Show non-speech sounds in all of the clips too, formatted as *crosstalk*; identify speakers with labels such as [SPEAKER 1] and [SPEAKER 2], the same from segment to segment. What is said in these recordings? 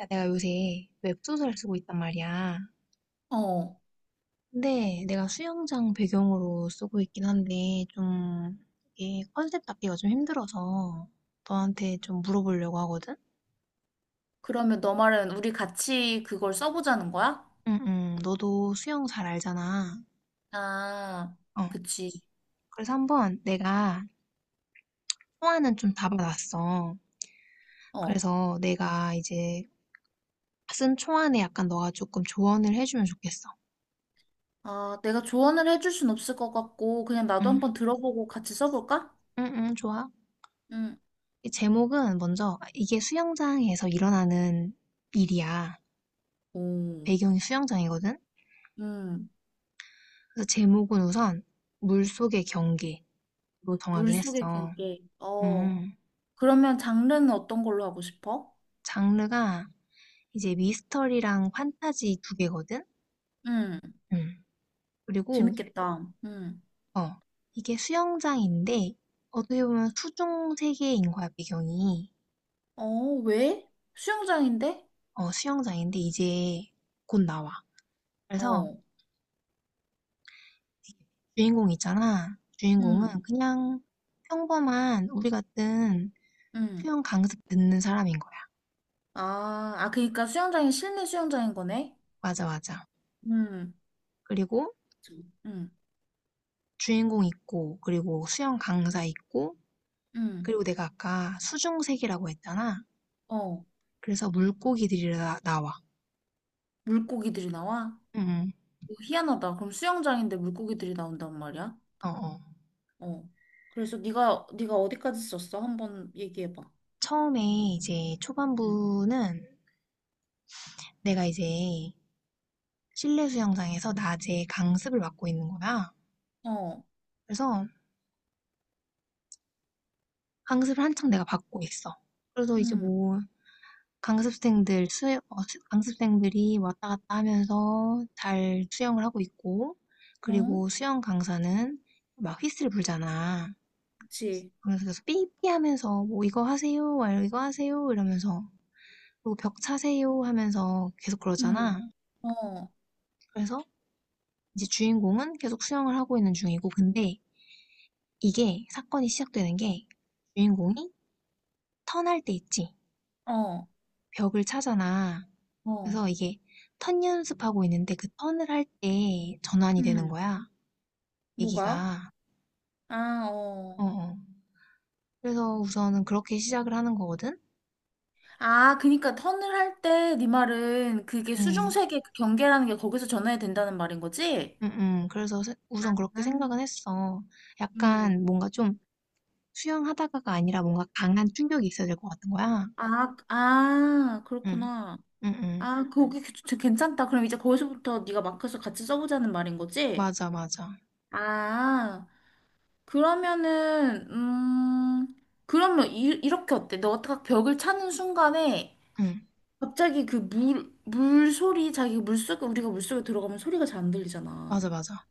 [SPEAKER 1] 야, 내가 요새 웹소설 쓰고 있단 말이야.
[SPEAKER 2] 어,
[SPEAKER 1] 근데 내가 수영장 배경으로 쓰고 있긴 한데, 좀, 이게 컨셉 잡기가 좀 힘들어서 너한테 좀 물어보려고 하거든?
[SPEAKER 2] 그러면 너 말은 우리 같이 그걸 써보자는 거야?
[SPEAKER 1] 응, 응. 너도 수영 잘 알잖아.
[SPEAKER 2] 아,
[SPEAKER 1] 어.
[SPEAKER 2] 그치.
[SPEAKER 1] 그래서 한번 내가 초안은 좀 잡아놨어.
[SPEAKER 2] 어.
[SPEAKER 1] 그래서 내가 이제 쓴 초안에 약간 너가 조금 조언을 해주면 좋겠어.
[SPEAKER 2] 아, 내가 조언을 해줄 순 없을 것 같고, 그냥 나도
[SPEAKER 1] 응,
[SPEAKER 2] 한번 들어보고 같이 써볼까?
[SPEAKER 1] 응, 응, 좋아.
[SPEAKER 2] 응.
[SPEAKER 1] 이 제목은 먼저, 이게 수영장에서 일어나는 일이야.
[SPEAKER 2] 오,
[SPEAKER 1] 배경이 수영장이거든?
[SPEAKER 2] 음,
[SPEAKER 1] 그래서 제목은 우선 물속의 경기로 정하긴
[SPEAKER 2] 물속의
[SPEAKER 1] 했어.
[SPEAKER 2] 경계. 어,
[SPEAKER 1] 음.
[SPEAKER 2] 그러면 장르는 어떤 걸로 하고 싶어?
[SPEAKER 1] 장르가 이제 미스터리랑 판타지 두 개거든?
[SPEAKER 2] 응,
[SPEAKER 1] 음, 그리고,
[SPEAKER 2] 재밌겠다. 응.
[SPEAKER 1] 어, 이게 수영장인데, 어떻게 보면 수중 세계인 거야, 배경이.
[SPEAKER 2] 어, 왜? 수영장인데?
[SPEAKER 1] 수영장인데, 이제 곧 나와. 그래서
[SPEAKER 2] 어,
[SPEAKER 1] 주인공 있잖아. 주인공은
[SPEAKER 2] 응,
[SPEAKER 1] 그냥 평범한 우리 같은
[SPEAKER 2] 응.
[SPEAKER 1] 수영 강습 듣는 사람인 거야.
[SPEAKER 2] 아, 아, 그러니까 수영장이 실내 수영장인 거네?
[SPEAKER 1] 맞아, 맞아.
[SPEAKER 2] 응.
[SPEAKER 1] 그리고
[SPEAKER 2] 응,
[SPEAKER 1] 주인공 있고 그리고 수영 강사 있고
[SPEAKER 2] 응.
[SPEAKER 1] 그리고 내가 아까 수중색이라고 했잖아.
[SPEAKER 2] 어,
[SPEAKER 1] 그래서 물고기들이 나와.
[SPEAKER 2] 물고기들이 나와?
[SPEAKER 1] 응, 응.
[SPEAKER 2] 어, 희한하다. 그럼 수영장인데 물고기들이 나온단 말이야?
[SPEAKER 1] 어, 어.
[SPEAKER 2] 어. 그래서 네가 어디까지 썼어? 한번 얘기해 봐.
[SPEAKER 1] 처음에 이제
[SPEAKER 2] 음.
[SPEAKER 1] 초반부는 내가 이제 실내 수영장에서 낮에 강습을 받고 있는 거야.
[SPEAKER 2] 어.
[SPEAKER 1] 그래서 강습을 한창 내가 받고 있어. 그래서 이제
[SPEAKER 2] 음.
[SPEAKER 1] 뭐 강습생들 수 어, 강습생들이 왔다 갔다 하면서 잘 수영을 하고 있고
[SPEAKER 2] 어?
[SPEAKER 1] 그리고 수영 강사는 막 휘슬 불잖아.
[SPEAKER 2] 그치.
[SPEAKER 1] 그래서 계속 삐삐 하면서 뭐 이거 하세요, 막 이거 하세요 이러면서 그리고 벽 차세요 하면서 계속 그러잖아.
[SPEAKER 2] 음. 어.
[SPEAKER 1] 그래서 이제 주인공은 계속 수영을 하고 있는 중이고 근데 이게 사건이 시작되는 게 주인공이 턴할 때 있지.
[SPEAKER 2] 어.
[SPEAKER 1] 벽을 차잖아.
[SPEAKER 2] 어.
[SPEAKER 1] 그래서 이게 턴 연습하고 있는데 그 턴을 할 때 전환이 되는
[SPEAKER 2] 음.
[SPEAKER 1] 거야.
[SPEAKER 2] 뭐가?
[SPEAKER 1] 얘기가.
[SPEAKER 2] 아,
[SPEAKER 1] 어,
[SPEAKER 2] 어.
[SPEAKER 1] 어. 그래서 우선은 그렇게 시작을 하는 거거든?
[SPEAKER 2] 아, 그니까 턴을 할 때 네 말은 그게
[SPEAKER 1] 음,
[SPEAKER 2] 수중세계 그 경계라는 게 거기서 전해야 된다는 말인 거지?
[SPEAKER 1] 그래서 우선 그렇게
[SPEAKER 2] 아,
[SPEAKER 1] 생각은 했어.
[SPEAKER 2] 음.
[SPEAKER 1] 약간 뭔가 좀 수영하다가가 아니라 뭔가 강한 충격이 있어야 될 것 같은 거야.
[SPEAKER 2] 아, 아,
[SPEAKER 1] 응.
[SPEAKER 2] 그렇구나.
[SPEAKER 1] 응응.
[SPEAKER 2] 아, 거기 괜찮다. 그럼 이제 거기서부터 네가 마크서 같이 써보자는 말인 거지?
[SPEAKER 1] 맞아, 맞아.
[SPEAKER 2] 아, 그러면은 그러면 이렇게 어때? 너가 딱 벽을 차는 순간에
[SPEAKER 1] 응.
[SPEAKER 2] 갑자기 그 물 소리, 자기 물속에, 우리가 물속에 들어가면 소리가 잘 안 들리잖아.
[SPEAKER 1] 맞아, 맞아.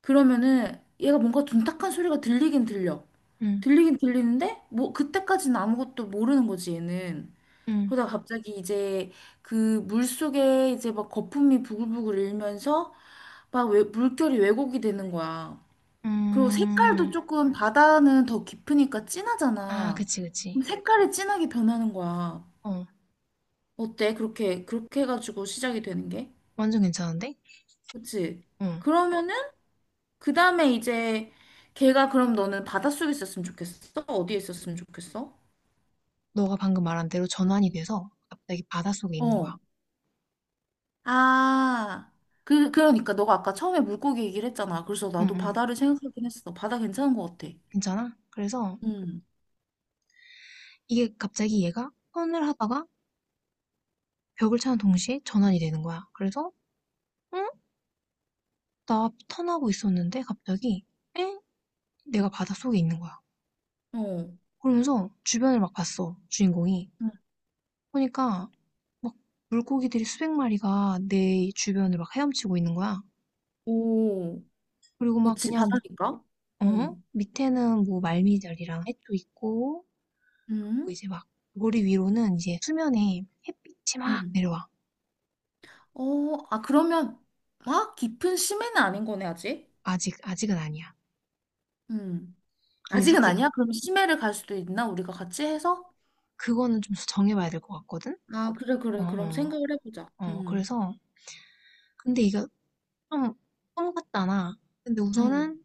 [SPEAKER 2] 그러면은 얘가 뭔가 둔탁한 소리가 들리긴 들려.
[SPEAKER 1] 응.
[SPEAKER 2] 들리긴 들리는데 뭐 그때까지는 아무것도 모르는 거지, 얘는.
[SPEAKER 1] 응.
[SPEAKER 2] 그러다가 갑자기 이제 그 물속에 이제 막 거품이 부글부글 일면서 막 왜, 물결이 왜곡이 되는 거야. 그리고 색깔도
[SPEAKER 1] 음.
[SPEAKER 2] 조금, 바다는 더 깊으니까
[SPEAKER 1] 아,
[SPEAKER 2] 진하잖아.
[SPEAKER 1] 그치,
[SPEAKER 2] 그럼
[SPEAKER 1] 그치.
[SPEAKER 2] 색깔이 진하게 변하는 거야.
[SPEAKER 1] 어.
[SPEAKER 2] 어때? 그렇게, 그렇게 해가지고 시작이 되는 게?
[SPEAKER 1] 완전 괜찮은데?
[SPEAKER 2] 그치?
[SPEAKER 1] 응.
[SPEAKER 2] 그러면은, 그 다음에 이제, 걔가 그럼 너는 바닷속에 있었으면 좋겠어? 어디에 있었으면 좋겠어?
[SPEAKER 1] 너가 방금 말한 대로 전환이 돼서 갑자기 바닷속에 있는 거야.
[SPEAKER 2] 어. 아, 그러니까 너가 아까 처음에 물고기 얘기를 했잖아. 그래서 나도
[SPEAKER 1] 응응.
[SPEAKER 2] 바다를 생각하긴 했어. 바다 괜찮은 것 같아.
[SPEAKER 1] 괜찮아? 그래서
[SPEAKER 2] 응.
[SPEAKER 1] 이게 갑자기 얘가 턴을 하다가 벽을 차는 동시에 전환이 되는 거야. 그래서 응? 나 턴하고 있었는데 갑자기 엥? 내가 바닷속에 있는 거야.
[SPEAKER 2] 어.
[SPEAKER 1] 그러면서 주변을 막 봤어, 주인공이.
[SPEAKER 2] 응.
[SPEAKER 1] 보니까 막 물고기들이 수백 마리가 내 주변을 막 헤엄치고 있는 거야.
[SPEAKER 2] 오.
[SPEAKER 1] 그리고 막
[SPEAKER 2] 그치,
[SPEAKER 1] 그냥,
[SPEAKER 2] 바다니까?
[SPEAKER 1] 어?
[SPEAKER 2] 응,
[SPEAKER 1] 밑에는 뭐 말미잘이랑 해초 있고, 그리고
[SPEAKER 2] 응?
[SPEAKER 1] 이제 막 머리 위로는 이제 수면에 햇빛이 막
[SPEAKER 2] 응.
[SPEAKER 1] 내려와.
[SPEAKER 2] 어, 아, 그러면 막 깊은 심해는 아닌 거네, 아직?
[SPEAKER 1] 아직, 아직은 아니야.
[SPEAKER 2] 응.
[SPEAKER 1] 그래서
[SPEAKER 2] 아직은
[SPEAKER 1] 그,
[SPEAKER 2] 아니야? 그럼 심해를 갈 수도 있나? 우리가 같이 해서?
[SPEAKER 1] 그거는 좀 정해봐야 될 것 같거든?
[SPEAKER 2] 아, 그래,
[SPEAKER 1] 어,
[SPEAKER 2] 그래. 그럼
[SPEAKER 1] 어,
[SPEAKER 2] 생각을 해보자.
[SPEAKER 1] 어.
[SPEAKER 2] 응.
[SPEAKER 1] 그래서, 근데 이거 좀, 꿈 같잖아. 근데
[SPEAKER 2] 응,
[SPEAKER 1] 우선은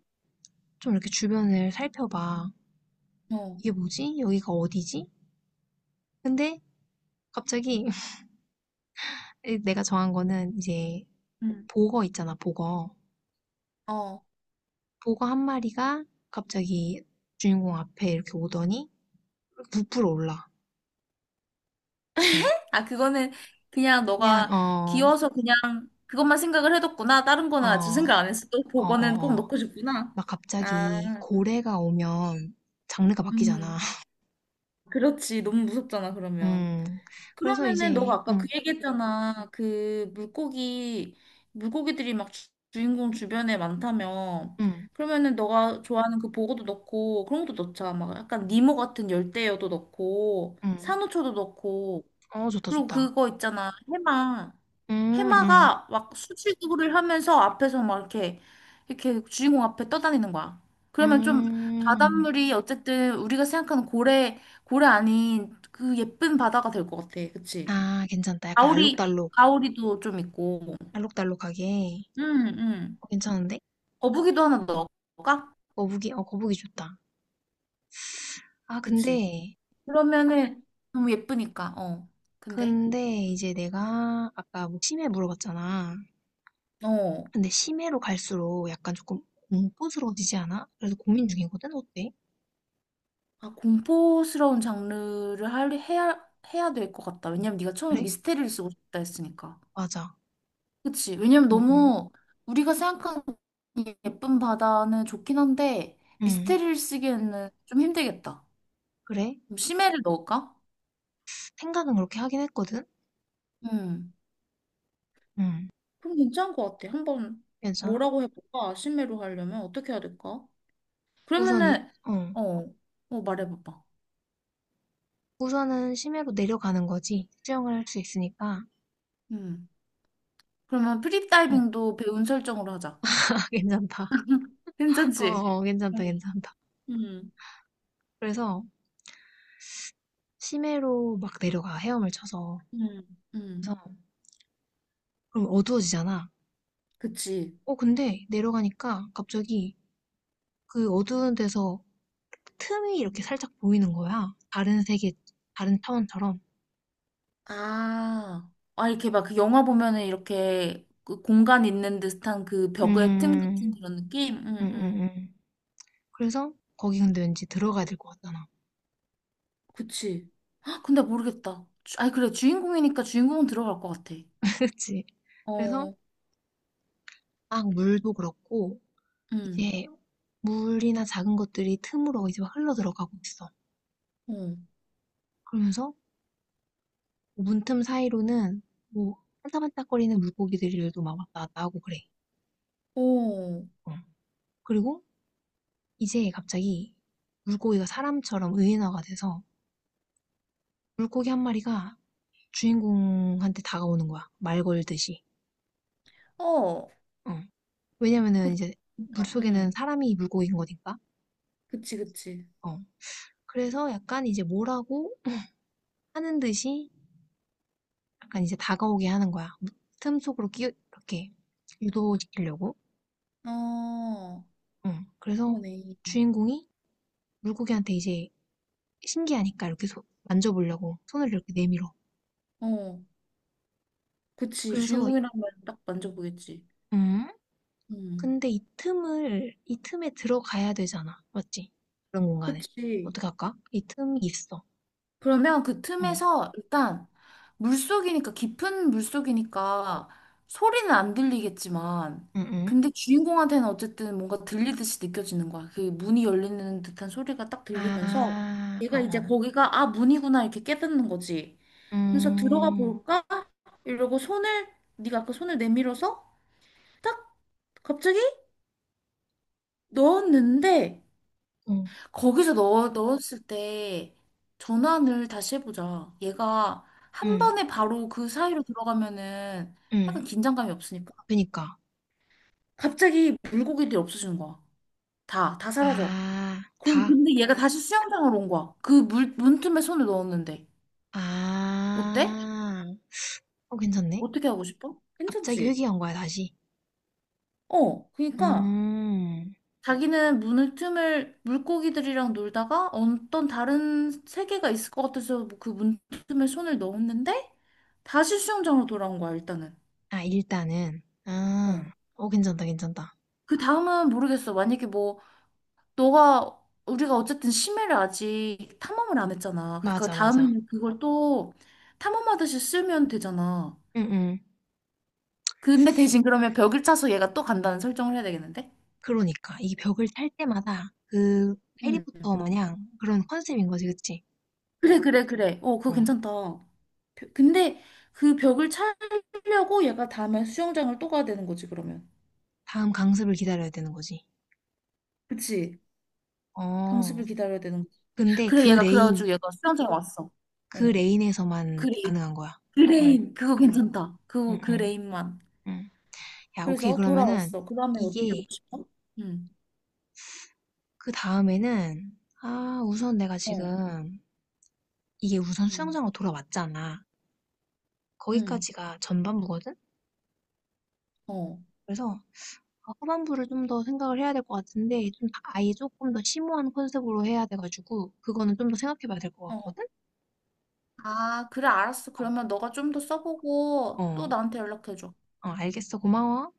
[SPEAKER 1] 좀 이렇게 주변을 살펴봐.
[SPEAKER 2] 어.
[SPEAKER 1] 이게 뭐지? 여기가 어디지? 근데 갑자기 *laughs* 내가 정한 거는 이제
[SPEAKER 2] 응.
[SPEAKER 1] 보거 있잖아, 보거.
[SPEAKER 2] 어.
[SPEAKER 1] 보거 한 마리가 갑자기 주인공 앞에 이렇게 오더니 부풀어 올라. 어,
[SPEAKER 2] 아, 그거는 그냥
[SPEAKER 1] 그냥
[SPEAKER 2] 너가
[SPEAKER 1] 어,
[SPEAKER 2] 귀여워서 그냥 그것만 생각을 해뒀구나. 다른
[SPEAKER 1] 어,
[SPEAKER 2] 거는 아직 생각 안
[SPEAKER 1] 어,
[SPEAKER 2] 했어. 또 그거는 꼭
[SPEAKER 1] 어, 어.
[SPEAKER 2] 넣고 싶구나.
[SPEAKER 1] 막
[SPEAKER 2] 아,
[SPEAKER 1] 갑자기 고래가 오면 장르가 바뀌잖아.
[SPEAKER 2] 음.
[SPEAKER 1] *laughs*
[SPEAKER 2] 그렇지. 너무 무섭잖아, 그러면.
[SPEAKER 1] 음. 그래서
[SPEAKER 2] 그러면은 너가
[SPEAKER 1] 이제
[SPEAKER 2] 아까 그 얘기했잖아. 그 물고기, 물고기들이 막 주인공 주변에 많다며.
[SPEAKER 1] 음,
[SPEAKER 2] 그러면은 너가 좋아하는 그 보고도 넣고 그런 것도 넣자. 막 약간 니모 같은 열대어도 넣고
[SPEAKER 1] 음.
[SPEAKER 2] 산호초도 넣고,
[SPEAKER 1] 어, 좋다,
[SPEAKER 2] 그리고
[SPEAKER 1] 좋다.
[SPEAKER 2] 그거 있잖아. 해마.
[SPEAKER 1] 음, 음,
[SPEAKER 2] 해마가 막 수질구를 하면서 앞에서 막 이렇게, 이렇게 주인공 앞에 떠다니는 거야. 그러면 좀
[SPEAKER 1] 음.
[SPEAKER 2] 바닷물이, 어쨌든 우리가 생각하는 고래, 고래 아닌 그 예쁜 바다가 될 것 같아. 그치?
[SPEAKER 1] 아, 괜찮다. 약간
[SPEAKER 2] 가오리,
[SPEAKER 1] 알록달록,
[SPEAKER 2] 가오리도 좀 있고.
[SPEAKER 1] 알록달록하게.
[SPEAKER 2] 응, 응.
[SPEAKER 1] 어, 괜찮은데?
[SPEAKER 2] 거북이도 하나 넣을까?
[SPEAKER 1] 거북이, 어, 거북이 좋다. 아,
[SPEAKER 2] 그치?
[SPEAKER 1] 근데,
[SPEAKER 2] 그러면은 너무 예쁘니까. 어. 근데.
[SPEAKER 1] 근데 이제 내가 아까 뭐 심해 물어봤잖아.
[SPEAKER 2] 어.
[SPEAKER 1] 근데 심해로 갈수록 약간 조금 공포스러워지지 않아? 그래서 고민 중이거든? 어때?
[SPEAKER 2] 아, 공포스러운 장르를 해야, 해야 될 것 같다. 왜냐면 네가 처음에
[SPEAKER 1] 그래?
[SPEAKER 2] 미스테리를 쓰고 싶다 했으니까.
[SPEAKER 1] 맞아.
[SPEAKER 2] 그치? 왜냐면
[SPEAKER 1] 어, 어.
[SPEAKER 2] 너무 우리가 생각하는 이 예쁜 바다는 좋긴 한데
[SPEAKER 1] 응,
[SPEAKER 2] 미스테리를 쓰기에는 좀 힘들겠다.
[SPEAKER 1] 그래?
[SPEAKER 2] 그럼 심해를 넣을까?
[SPEAKER 1] 생각은 그렇게 하긴 했거든?
[SPEAKER 2] 음.
[SPEAKER 1] 응,
[SPEAKER 2] 그럼 괜찮은 것 같아. 한번
[SPEAKER 1] 괜찮아?
[SPEAKER 2] 뭐라고 해볼까? 심의로 하려면 어떻게 해야 될까?
[SPEAKER 1] 우선, 이,
[SPEAKER 2] 그러면은,
[SPEAKER 1] 어.
[SPEAKER 2] 어, 어, 말해봐봐.
[SPEAKER 1] 우선은 심해로 내려가는 거지. 수영을 할 수 있으니까.
[SPEAKER 2] 음. 그러면
[SPEAKER 1] 어,
[SPEAKER 2] 프리다이빙도 배운 설정으로 하자.
[SPEAKER 1] *laughs* 아, 괜찮다. 어,
[SPEAKER 2] 괜찮지?
[SPEAKER 1] 어, 괜찮다,
[SPEAKER 2] 응,
[SPEAKER 1] 괜찮다.
[SPEAKER 2] 응,
[SPEAKER 1] 그래서 심해로 막 내려가, 헤엄을 쳐서.
[SPEAKER 2] 응, 응.
[SPEAKER 1] 그래서, 그럼 어두워지잖아.
[SPEAKER 2] 그치.
[SPEAKER 1] 어 근데 내려가니까 갑자기 그 어두운 데서 틈이 이렇게 살짝 보이는 거야. 다른 세계, 다른 차원처럼.
[SPEAKER 2] 아, 아, 이렇게 막 그 영화 보면은 이렇게 그 공간 있는 듯한 그 벽의 틈
[SPEAKER 1] 음,
[SPEAKER 2] 같은 그런 느낌? 응,
[SPEAKER 1] 음, 음,
[SPEAKER 2] 응.
[SPEAKER 1] 음. 그래서 거기 근데 왠지 들어가야 될 것 같잖아.
[SPEAKER 2] 그치. 아, 근데 모르겠다. 아니, 그래. 주인공이니까 주인공은 들어갈 것 같아.
[SPEAKER 1] *laughs* 그치? 그래서
[SPEAKER 2] 어,
[SPEAKER 1] 막 물도 그렇고
[SPEAKER 2] 응.
[SPEAKER 1] 이제 물이나 작은 것들이 틈으로 이제 막 흘러 들어가고 있어.
[SPEAKER 2] 어.
[SPEAKER 1] 그러면서 문틈 사이로는 뭐 반짝반짝거리는 물고기들도 막 왔다 갔다 하고 그래.
[SPEAKER 2] 오,
[SPEAKER 1] 어. 그리고 이제 갑자기 물고기가 사람처럼 의인화가 돼서 물고기 한 마리가 주인공한테 다가오는 거야. 말 걸듯이.
[SPEAKER 2] 어,
[SPEAKER 1] 어. 왜냐면은
[SPEAKER 2] 그,
[SPEAKER 1] 이제
[SPEAKER 2] 그러니까,
[SPEAKER 1] 물속에는
[SPEAKER 2] 응,
[SPEAKER 1] 사람이 물고기인 거니까.
[SPEAKER 2] 그치, 그치.
[SPEAKER 1] 어. 그래서 약간 이제 뭐라고 하는 듯이 약간 이제 다가오게 하는 거야. 틈 속으로 끼 이렇게 유도시키려고.
[SPEAKER 2] 어,
[SPEAKER 1] 어. 그래서
[SPEAKER 2] 그러네.
[SPEAKER 1] 주인공이 물고기한테 이제 신기하니까 이렇게 만져보려고 손을 이렇게 내밀어.
[SPEAKER 2] 어, 그치.
[SPEAKER 1] 그래서
[SPEAKER 2] 주인공이라면 딱 만져보겠지.
[SPEAKER 1] 음
[SPEAKER 2] 응,
[SPEAKER 1] 근데 이 틈에 들어가야 되잖아. 맞지? 그런 공간에.
[SPEAKER 2] 그치.
[SPEAKER 1] 어떡할까? 이 틈이 있어.
[SPEAKER 2] 그러면 그
[SPEAKER 1] 응,
[SPEAKER 2] 틈에서 일단 물속이니까, 깊은 물속이니까 소리는 안 들리겠지만,
[SPEAKER 1] 응, 응.
[SPEAKER 2] 근데 주인공한테는 어쨌든 뭔가 들리듯이 느껴지는 거야. 그 문이 열리는 듯한 소리가 딱 들리면서
[SPEAKER 1] 아, 어,
[SPEAKER 2] 얘가 이제
[SPEAKER 1] 어.
[SPEAKER 2] 거기가 아 문이구나 이렇게 깨닫는 거지. 그래서 들어가
[SPEAKER 1] 음,
[SPEAKER 2] 볼까? 이러고 손을, 네가 아까 손을 내밀어서 딱 갑자기 넣었는데,
[SPEAKER 1] 응,
[SPEAKER 2] 거기서 넣었을 때 전환을 다시 해보자. 얘가 한
[SPEAKER 1] 응,
[SPEAKER 2] 번에 바로 그 사이로 들어가면은 약간
[SPEAKER 1] 응.
[SPEAKER 2] 긴장감이 없으니까.
[SPEAKER 1] 그니까.
[SPEAKER 2] 갑자기 물고기들이 없어지는 거야. 다 사라져.
[SPEAKER 1] 아,
[SPEAKER 2] 그럼
[SPEAKER 1] 다.
[SPEAKER 2] 근데 얘가 다시 수영장으로 온 거야. 그 물, 문틈에 손을 넣었는데. 어때?
[SPEAKER 1] 아, 어, 괜찮네.
[SPEAKER 2] 어떻게 하고 싶어?
[SPEAKER 1] 갑자기
[SPEAKER 2] 괜찮지?
[SPEAKER 1] 회귀한 거야, 다시.
[SPEAKER 2] 어, 그러니까
[SPEAKER 1] 음,
[SPEAKER 2] 자기는 문을, 틈을 물고기들이랑 놀다가 어떤 다른 세계가 있을 것 같아서 그 문틈에 손을 넣었는데 다시 수영장으로 돌아온 거야, 일단은.
[SPEAKER 1] 아, 일단은.
[SPEAKER 2] 어.
[SPEAKER 1] 아, 어, 괜찮다, 괜찮다.
[SPEAKER 2] 그 다음은 모르겠어. 만약에 뭐 너가, 우리가 어쨌든 심해를 아직 탐험을 안 했잖아. 그러니까
[SPEAKER 1] 맞아, 맞아.
[SPEAKER 2] 다음에는 그걸 또 탐험하듯이 쓰면 되잖아.
[SPEAKER 1] 응, 응.
[SPEAKER 2] 근데 대신 그러면 벽을 차서 얘가 또 간다는 설정을 해야 되겠는데?
[SPEAKER 1] 그러니까. 이 벽을 탈 때마다 그
[SPEAKER 2] 응.
[SPEAKER 1] 해리포터 마냥 그런 컨셉인 거지, 그치?
[SPEAKER 2] 그래, 그래, 그래. 어, 그거
[SPEAKER 1] 어.
[SPEAKER 2] 괜찮다. 근데 그 벽을 차려고 얘가 다음에 수영장을 또 가야 되는 거지, 그러면.
[SPEAKER 1] 다음 강습을 기다려야 되는 거지.
[SPEAKER 2] 그치?
[SPEAKER 1] 어.
[SPEAKER 2] 강습을 기다려야 되는 거지.
[SPEAKER 1] 근데
[SPEAKER 2] 그래,
[SPEAKER 1] 그
[SPEAKER 2] 얘가
[SPEAKER 1] 레인,
[SPEAKER 2] 그래가지고 얘가 수영장 왔어.
[SPEAKER 1] 그
[SPEAKER 2] 어.
[SPEAKER 1] 레인에서만
[SPEAKER 2] 그래,
[SPEAKER 1] 가능한 거야. 응,
[SPEAKER 2] 그레인. 그거 괜찮다.
[SPEAKER 1] 응, 응,
[SPEAKER 2] 그레인만.
[SPEAKER 1] 응. 야, 오케이.
[SPEAKER 2] 그래서
[SPEAKER 1] 그러면은
[SPEAKER 2] 돌아왔어. 그 다음에 어떻게 하고
[SPEAKER 1] 이게
[SPEAKER 2] 싶어? 응,
[SPEAKER 1] 그 다음에는 아, 우선 내가
[SPEAKER 2] 어,
[SPEAKER 1] 지금 이게 우선
[SPEAKER 2] 응,
[SPEAKER 1] 수영장으로 돌아왔잖아.
[SPEAKER 2] 응,
[SPEAKER 1] 거기까지가 전반부거든?
[SPEAKER 2] 어,
[SPEAKER 1] 그래서 후반부를 좀 더 생각을 해야 될 것 같은데 좀 아예 조금 더 심오한 컨셉으로 해야 돼 가지고 그거는 좀 더 생각해 봐야 될 것
[SPEAKER 2] 어.
[SPEAKER 1] 같거든?
[SPEAKER 2] 아, 그래, 알았어.
[SPEAKER 1] 어.
[SPEAKER 2] 그러면 너가 좀 더 써보고 또
[SPEAKER 1] 어.
[SPEAKER 2] 나한테 연락해줘.
[SPEAKER 1] 어 알겠어. 고마워.